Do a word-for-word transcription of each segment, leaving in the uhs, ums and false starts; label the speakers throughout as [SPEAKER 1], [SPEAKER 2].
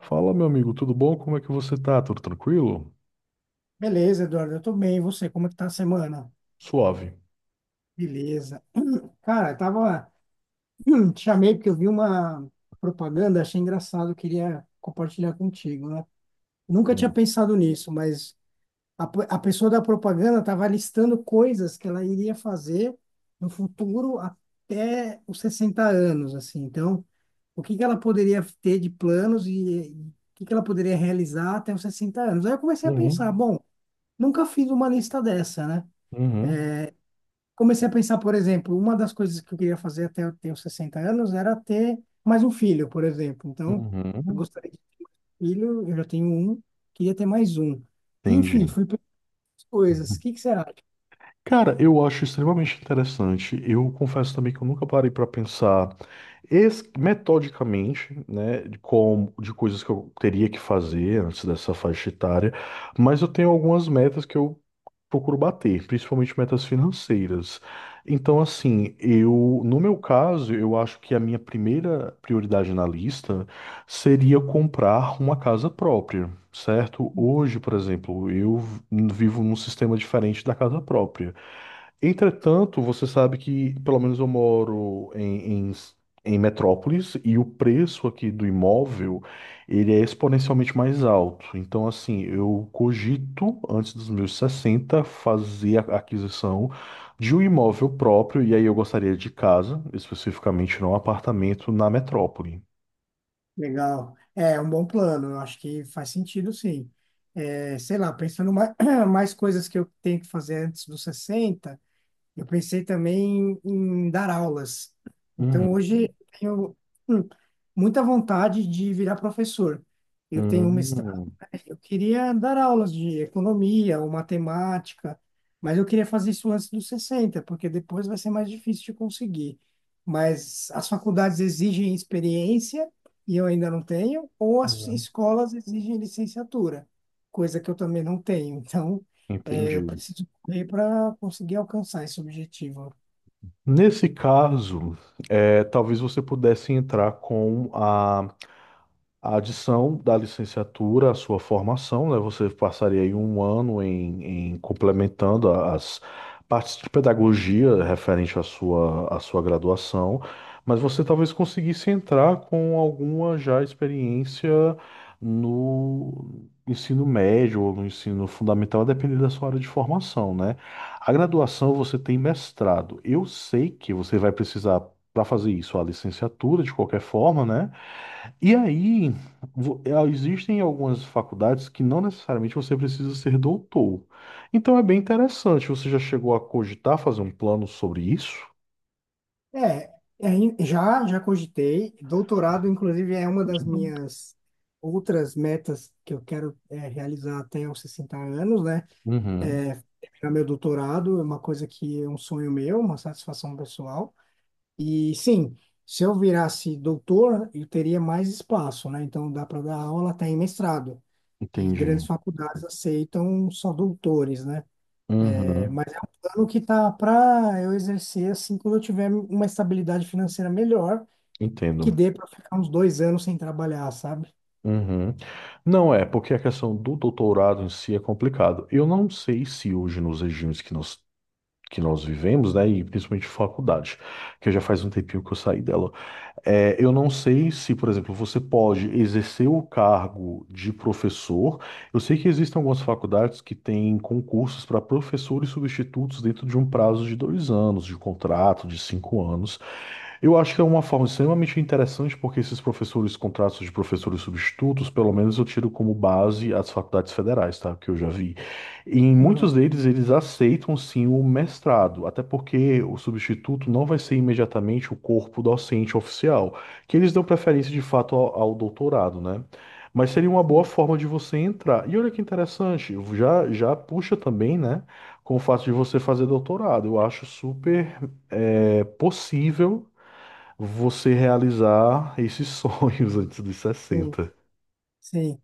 [SPEAKER 1] Fala, meu amigo, tudo bom? Como é que você tá? Tudo tranquilo?
[SPEAKER 2] Beleza, Eduardo, eu tô bem. E você, como é que tá a semana?
[SPEAKER 1] Suave.
[SPEAKER 2] Beleza. Cara, eu tava... Te chamei porque eu vi uma propaganda, achei engraçado, eu queria compartilhar contigo, né? Nunca tinha
[SPEAKER 1] Hum.
[SPEAKER 2] pensado nisso, mas a, pe- a pessoa da propaganda tava listando coisas que ela iria fazer no futuro até os sessenta anos, assim. Então, o que que ela poderia ter de planos e e o que que ela poderia realizar até os sessenta anos? Aí eu comecei a
[SPEAKER 1] Uhum.
[SPEAKER 2] pensar, bom, nunca fiz uma lista dessa, né?
[SPEAKER 1] Uhum.
[SPEAKER 2] Comecei a pensar, por exemplo, uma das coisas que eu queria fazer até eu ter os sessenta anos era ter mais um filho, por exemplo. Então, eu
[SPEAKER 1] Uhum.
[SPEAKER 2] gostaria de ter um filho, eu já tenho um, queria ter mais um. E, enfim,
[SPEAKER 1] Entendi.
[SPEAKER 2] fui pensando as coisas. O que que será?
[SPEAKER 1] Cara, eu acho extremamente interessante. Eu confesso também que eu nunca parei para pensar es- metodicamente, né, de como de coisas que eu teria que fazer antes dessa faixa etária, mas eu tenho algumas metas que eu procuro bater, principalmente metas financeiras. Então, assim, eu, no meu caso, eu acho que a minha primeira prioridade na lista seria comprar uma casa própria, certo? Hoje, por exemplo, eu vivo num sistema diferente da casa própria. Entretanto, você sabe que, pelo menos eu moro em, em, em metrópolis, e o preço aqui do imóvel, ele é exponencialmente mais alto. Então, assim, eu cogito, antes dos meus sessenta, fazer a aquisição de um imóvel próprio, e aí eu gostaria de casa, especificamente não apartamento na metrópole.
[SPEAKER 2] É legal. É um bom plano, eu acho que faz sentido, sim. É, sei lá, pensando mais, mais coisas que eu tenho que fazer antes dos sessenta, eu pensei também em dar aulas. Então,
[SPEAKER 1] Uhum.
[SPEAKER 2] hoje eu tenho hum, muita vontade de virar professor. Eu tenho uma,
[SPEAKER 1] Hum,
[SPEAKER 2] eu queria dar aulas de economia ou matemática, mas eu queria fazer isso antes dos sessenta, porque depois vai ser mais difícil de conseguir. Mas as faculdades exigem experiência, e eu ainda não tenho, ou as
[SPEAKER 1] uhum.
[SPEAKER 2] escolas exigem licenciatura, coisa que eu também não tenho. Então, eh, eu
[SPEAKER 1] Entendi.
[SPEAKER 2] preciso correr para conseguir alcançar esse objetivo.
[SPEAKER 1] Nesse caso, é, talvez você pudesse entrar com a A adição da licenciatura à sua formação, né? Você passaria aí um ano em, em complementando a- as partes de pedagogia referente à sua, à sua graduação, mas você talvez conseguisse entrar com alguma já experiência no ensino médio ou no ensino fundamental, a depender da sua área de formação, né? A graduação você tem mestrado. Eu sei que você vai precisar, para fazer isso, a licenciatura de qualquer forma, né? E aí, vo- é, existem algumas faculdades que não necessariamente você precisa ser doutor. Então é bem interessante. Você já chegou a cogitar fazer um plano sobre isso?
[SPEAKER 2] É, é, in- já, já cogitei. Doutorado, inclusive, é uma das minhas outras metas que eu quero é, realizar até os sessenta anos, né?
[SPEAKER 1] Uhum,
[SPEAKER 2] É, terminar meu doutorado é uma coisa que é um sonho meu, uma satisfação pessoal. E sim, se eu virasse doutor, eu teria mais espaço, né? Então dá para dar aula até em mestrado. E
[SPEAKER 1] entendi.
[SPEAKER 2] grandes faculdades aceitam só doutores, né? É,
[SPEAKER 1] Uhum,
[SPEAKER 2] mas é um plano que tá para eu exercer assim quando eu tiver uma estabilidade financeira melhor que
[SPEAKER 1] entendo.
[SPEAKER 2] dê para ficar uns dois anos sem trabalhar, sabe?
[SPEAKER 1] Uhum. Não é, porque a questão do doutorado em si é complicado. Eu não sei se hoje nos regimes que nós, que nós vivemos, né, e principalmente faculdade, que já faz um tempinho que eu saí dela, é, eu não sei se, por exemplo, você pode exercer o cargo de professor. Eu sei que existem algumas faculdades que têm concursos para professores substitutos dentro de um prazo de dois anos, de contrato, de cinco anos. Eu acho que é uma forma extremamente interessante, porque esses professores, contratos de professores substitutos, pelo menos eu tiro como base as faculdades federais, tá? Que eu já vi. E em muitos
[SPEAKER 2] Aham,
[SPEAKER 1] deles, eles aceitam sim o mestrado, até porque o substituto não vai ser imediatamente o corpo docente oficial, que eles dão preferência de fato ao, ao doutorado, né? Mas seria uma boa
[SPEAKER 2] sim.
[SPEAKER 1] forma de você entrar. E olha que interessante, já, já puxa também, né? Com o fato de você fazer doutorado. Eu acho super é, possível você realizar esses sonhos antes dos
[SPEAKER 2] Sim,
[SPEAKER 1] sessenta.
[SPEAKER 2] sim.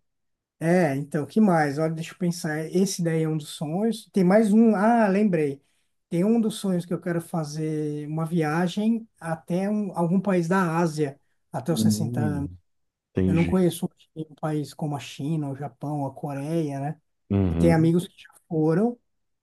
[SPEAKER 2] É, então, que mais? Olha, deixa eu pensar. Esse daí é um dos sonhos. Tem mais um. Ah, lembrei. Tem um dos sonhos que eu quero fazer uma viagem até um- algum país da Ásia, até os sessenta anos.
[SPEAKER 1] Hum,
[SPEAKER 2] Eu não
[SPEAKER 1] Entendi.
[SPEAKER 2] conheço um país como a China, o Japão, a Coreia, né? E tem
[SPEAKER 1] Uhum,
[SPEAKER 2] amigos que já foram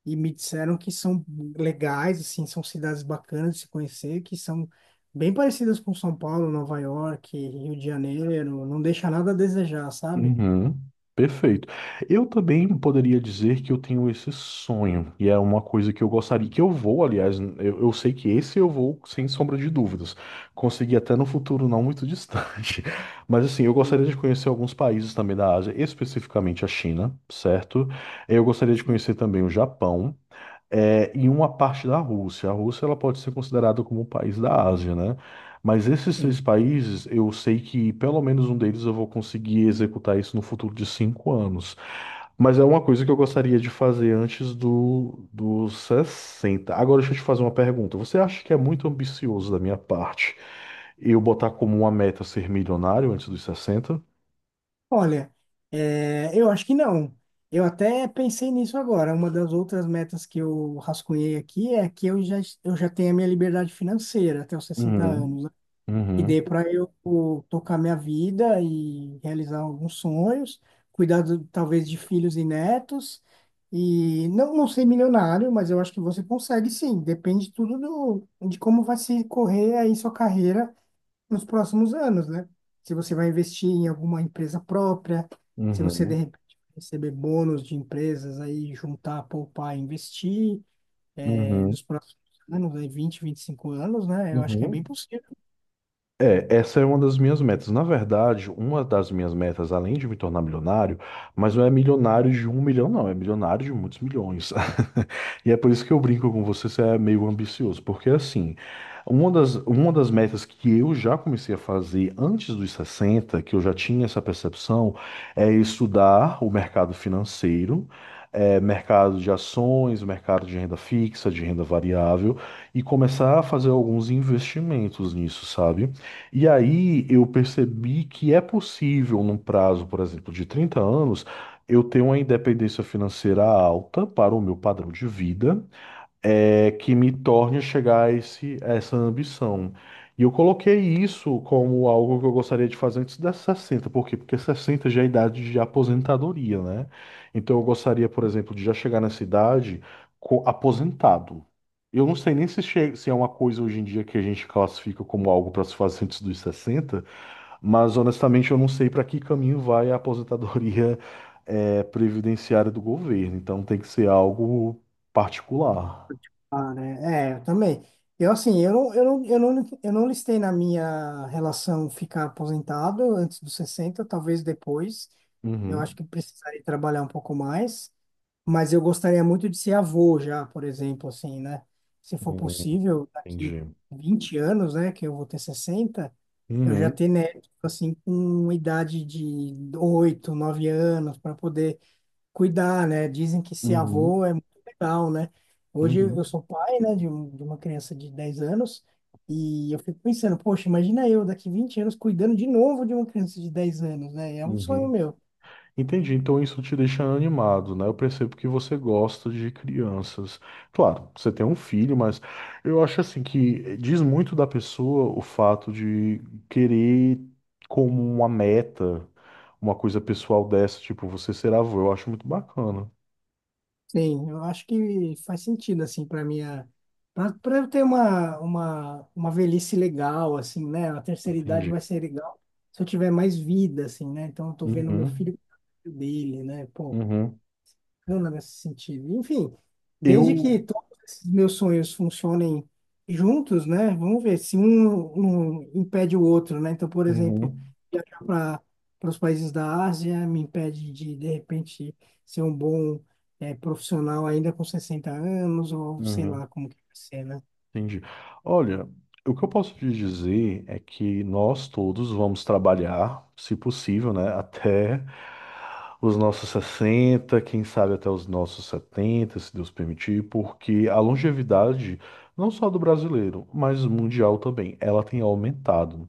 [SPEAKER 2] e me disseram que são legais, assim, são cidades bacanas de se conhecer, que são bem parecidas com São Paulo, Nova York, Rio de Janeiro, não deixa nada a desejar, sabe?
[SPEAKER 1] uhum. Perfeito. Eu também poderia dizer que eu tenho esse sonho, e é uma coisa que eu gostaria, que eu vou, aliás, eu, eu sei que esse eu vou, sem sombra de dúvidas, conseguir até no futuro não muito distante. Mas assim, eu
[SPEAKER 2] Sim,
[SPEAKER 1] gostaria de conhecer alguns países também da Ásia, especificamente a China, certo? Eu gostaria de
[SPEAKER 2] sim.
[SPEAKER 1] conhecer também o Japão. É, em uma parte da Rússia. A Rússia ela pode ser considerada como um país da Ásia, né? Mas esses três
[SPEAKER 2] Sim.
[SPEAKER 1] países, eu sei que pelo menos um deles eu vou conseguir executar isso no futuro de cinco anos. Mas é uma coisa que eu gostaria de fazer antes do, dos sessenta. Agora deixa eu te fazer uma pergunta. Você acha que é muito ambicioso da minha parte eu botar como uma meta ser milionário antes dos sessenta?
[SPEAKER 2] Olha, é, eu acho que não. Eu até pensei nisso agora. Uma das outras metas que eu rascunhei aqui é que eu já, eu já tenho a minha liberdade financeira até os sessenta
[SPEAKER 1] Uhum,
[SPEAKER 2] anos. Que
[SPEAKER 1] uhum,
[SPEAKER 2] dê para eu pô, tocar minha vida e realizar alguns sonhos, cuidar do- talvez de filhos e netos, e não, não ser milionário, mas eu acho que você consegue sim, depende tudo do, de como vai se correr aí sua carreira nos próximos anos, né? Se você vai investir em alguma empresa própria, se você de
[SPEAKER 1] uhum,
[SPEAKER 2] repente receber bônus de empresas aí, juntar, poupar, investir eh,
[SPEAKER 1] uhum,
[SPEAKER 2] nos próximos anos, aí vinte, vinte e cinco anos, né? Eu acho que é bem
[SPEAKER 1] uhum.
[SPEAKER 2] possível.
[SPEAKER 1] É, essa é uma das minhas metas. Na verdade, uma das minhas metas, além de me tornar milionário, mas não é milionário de um milhão, não, é milionário de muitos milhões. E é por isso que eu brinco com você, você é meio ambicioso, porque assim, uma das, uma das metas que eu já comecei a fazer antes dos sessenta, que eu já tinha essa percepção, é estudar o mercado financeiro. É, mercado de ações, mercado de renda fixa, de renda variável, e começar a fazer alguns investimentos nisso, sabe? E aí eu percebi que é possível, num prazo, por exemplo, de trinta anos, eu ter uma independência financeira alta para o meu padrão de vida é, que me torne a chegar a esse, a essa ambição. E eu coloquei isso como algo que eu gostaria de fazer antes das sessenta por quê? Porque sessenta já é a idade de aposentadoria, né? Então eu gostaria, por exemplo, de já chegar nessa idade co- aposentado. Eu não sei nem se, che- se é uma coisa hoje em dia que a gente classifica como algo para se fazer antes dos sessenta, mas honestamente eu não sei para que caminho vai a aposentadoria eh, previdenciária do governo. Então tem que ser algo particular.
[SPEAKER 2] Ah, né? É, eu também. Eu, assim, eu não, eu não, eu não, eu não listei na minha relação ficar aposentado antes dos sessenta, talvez depois. Eu acho
[SPEAKER 1] Uhum.
[SPEAKER 2] que precisaria trabalhar um pouco mais. Mas eu gostaria muito de ser avô já, por exemplo, assim, né? Se for
[SPEAKER 1] Hum,
[SPEAKER 2] possível, daqui
[SPEAKER 1] entendi.
[SPEAKER 2] vinte anos, né, que eu vou ter sessenta, eu já
[SPEAKER 1] Uhum.
[SPEAKER 2] ter neto, assim, com idade de oito nove anos, para poder cuidar, né? Dizem que ser
[SPEAKER 1] Uhum.
[SPEAKER 2] avô é muito legal, né? Hoje eu
[SPEAKER 1] Uhum.
[SPEAKER 2] sou pai, né, de, um, de uma criança de dez anos e eu fico pensando, poxa, imagina eu daqui vinte anos cuidando de novo de uma criança de dez anos, né? É um sonho
[SPEAKER 1] Uhum.
[SPEAKER 2] meu.
[SPEAKER 1] Entendi. Então isso te deixa animado, né? Eu percebo que você gosta de crianças. Claro, você tem um filho, mas eu acho assim que diz muito da pessoa o fato de querer como uma meta, uma coisa pessoal dessa, tipo, você ser avô. Eu acho muito bacana.
[SPEAKER 2] Sim, eu acho que faz sentido, assim, para minha... Para eu ter uma, uma, uma velhice legal, assim, né? A terceira idade vai
[SPEAKER 1] Entendi.
[SPEAKER 2] ser legal se eu tiver mais vida, assim, né? Então eu tô vendo meu
[SPEAKER 1] Uhum.
[SPEAKER 2] filho dele, né? Pô,
[SPEAKER 1] Uhum.
[SPEAKER 2] bacana nesse sentido. Enfim, desde
[SPEAKER 1] Eu.
[SPEAKER 2] que todos esses meus sonhos funcionem juntos, né? Vamos ver se um, um impede o outro, né? Então, por exemplo,
[SPEAKER 1] Uhum.
[SPEAKER 2] viajar para para os países da Ásia me impede de, de repente, ser um bom eh, profissional ainda com sessenta anos, ou sei
[SPEAKER 1] Uhum.
[SPEAKER 2] lá como que vai ser, né?
[SPEAKER 1] Entendi. Olha, o que eu posso te dizer é que nós todos vamos trabalhar, se possível, né, até os nossos sessenta, quem sabe até os nossos setenta, se Deus permitir, porque a longevidade, não só do brasileiro, mas mundial também, ela tem aumentado.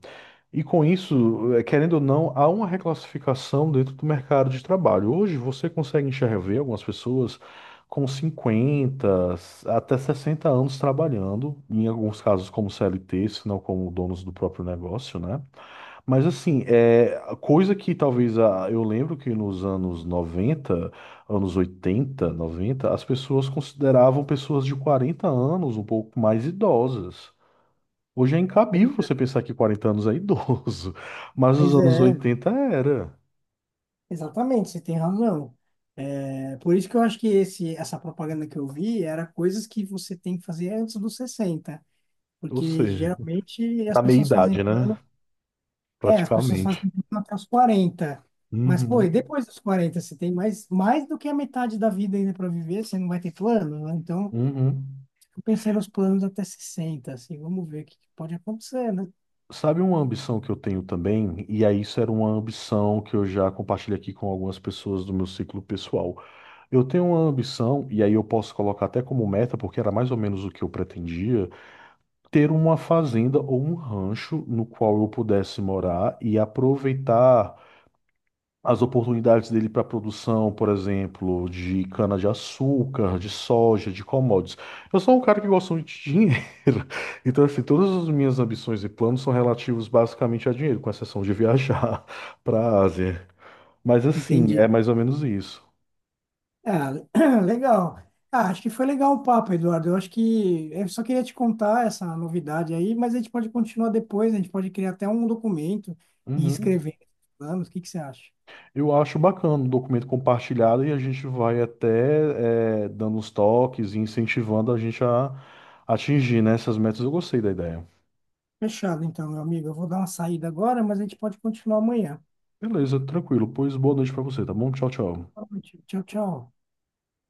[SPEAKER 1] E com isso, eh, querendo ou não, há uma reclassificação dentro do mercado de trabalho. Hoje você consegue enxergar algumas pessoas com cinquenta até sessenta anos trabalhando, em alguns casos como C L T, se não como donos do próprio negócio, né? Mas assim, é coisa que talvez a eu lembro que nos anos noventa, anos oitenta, noventa, as pessoas consideravam pessoas de quarenta anos um pouco mais idosas. Hoje é incabível você pensar que quarenta anos é idoso, mas nos
[SPEAKER 2] Pois
[SPEAKER 1] anos
[SPEAKER 2] é,
[SPEAKER 1] oitenta era.
[SPEAKER 2] exatamente, você tem razão. É, por isso que eu acho que esse, essa propaganda que eu vi era coisas que você tem que fazer antes dos sessenta.
[SPEAKER 1] Ou
[SPEAKER 2] Porque
[SPEAKER 1] seja,
[SPEAKER 2] geralmente as
[SPEAKER 1] na
[SPEAKER 2] pessoas fazem
[SPEAKER 1] meia-idade, né?
[SPEAKER 2] plano. É, as pessoas
[SPEAKER 1] Praticamente.
[SPEAKER 2] fazem plano até os quarenta. Mas, pô, e
[SPEAKER 1] Uhum,
[SPEAKER 2] depois dos quarenta você tem mais, mais do que a metade da vida ainda para viver, você não vai ter plano, né? Então,
[SPEAKER 1] uhum.
[SPEAKER 2] eu pensei nos planos até sessenta assim, vamos ver o que que pode acontecer, né?
[SPEAKER 1] Sabe uma ambição que eu tenho também? E aí isso era uma ambição que eu já compartilho aqui com algumas pessoas do meu ciclo pessoal. Eu tenho uma ambição, e aí eu posso colocar até como meta, porque era mais ou menos o que eu pretendia, ter uma fazenda ou um rancho no qual eu pudesse morar e aproveitar as oportunidades dele para produção, por exemplo, de cana-de-açúcar, de soja, de commodities. Eu sou um cara que gosta muito de dinheiro. Então, assim, todas as minhas ambições e planos são relativos basicamente a dinheiro, com exceção de viajar para a Ásia. Mas, assim, é
[SPEAKER 2] Entendi.
[SPEAKER 1] mais ou menos isso.
[SPEAKER 2] Ah, legal. Ah, acho que foi legal o papo, Eduardo. Eu acho que eu só queria te contar essa novidade aí, mas a gente pode continuar depois, a gente pode criar até um documento e
[SPEAKER 1] Uhum.
[SPEAKER 2] escrever planos. O que que você acha?
[SPEAKER 1] Eu acho bacana o documento compartilhado e a gente vai até eh, dando uns toques e incentivando a gente a atingir, né, essas metas. Eu gostei da ideia.
[SPEAKER 2] Fechado então, meu amigo. Eu vou dar uma saída agora, mas a gente pode continuar amanhã.
[SPEAKER 1] Beleza, tranquilo. Pois boa noite para você, tá bom? Tchau, tchau.
[SPEAKER 2] Boa noite. Tchau, tchau.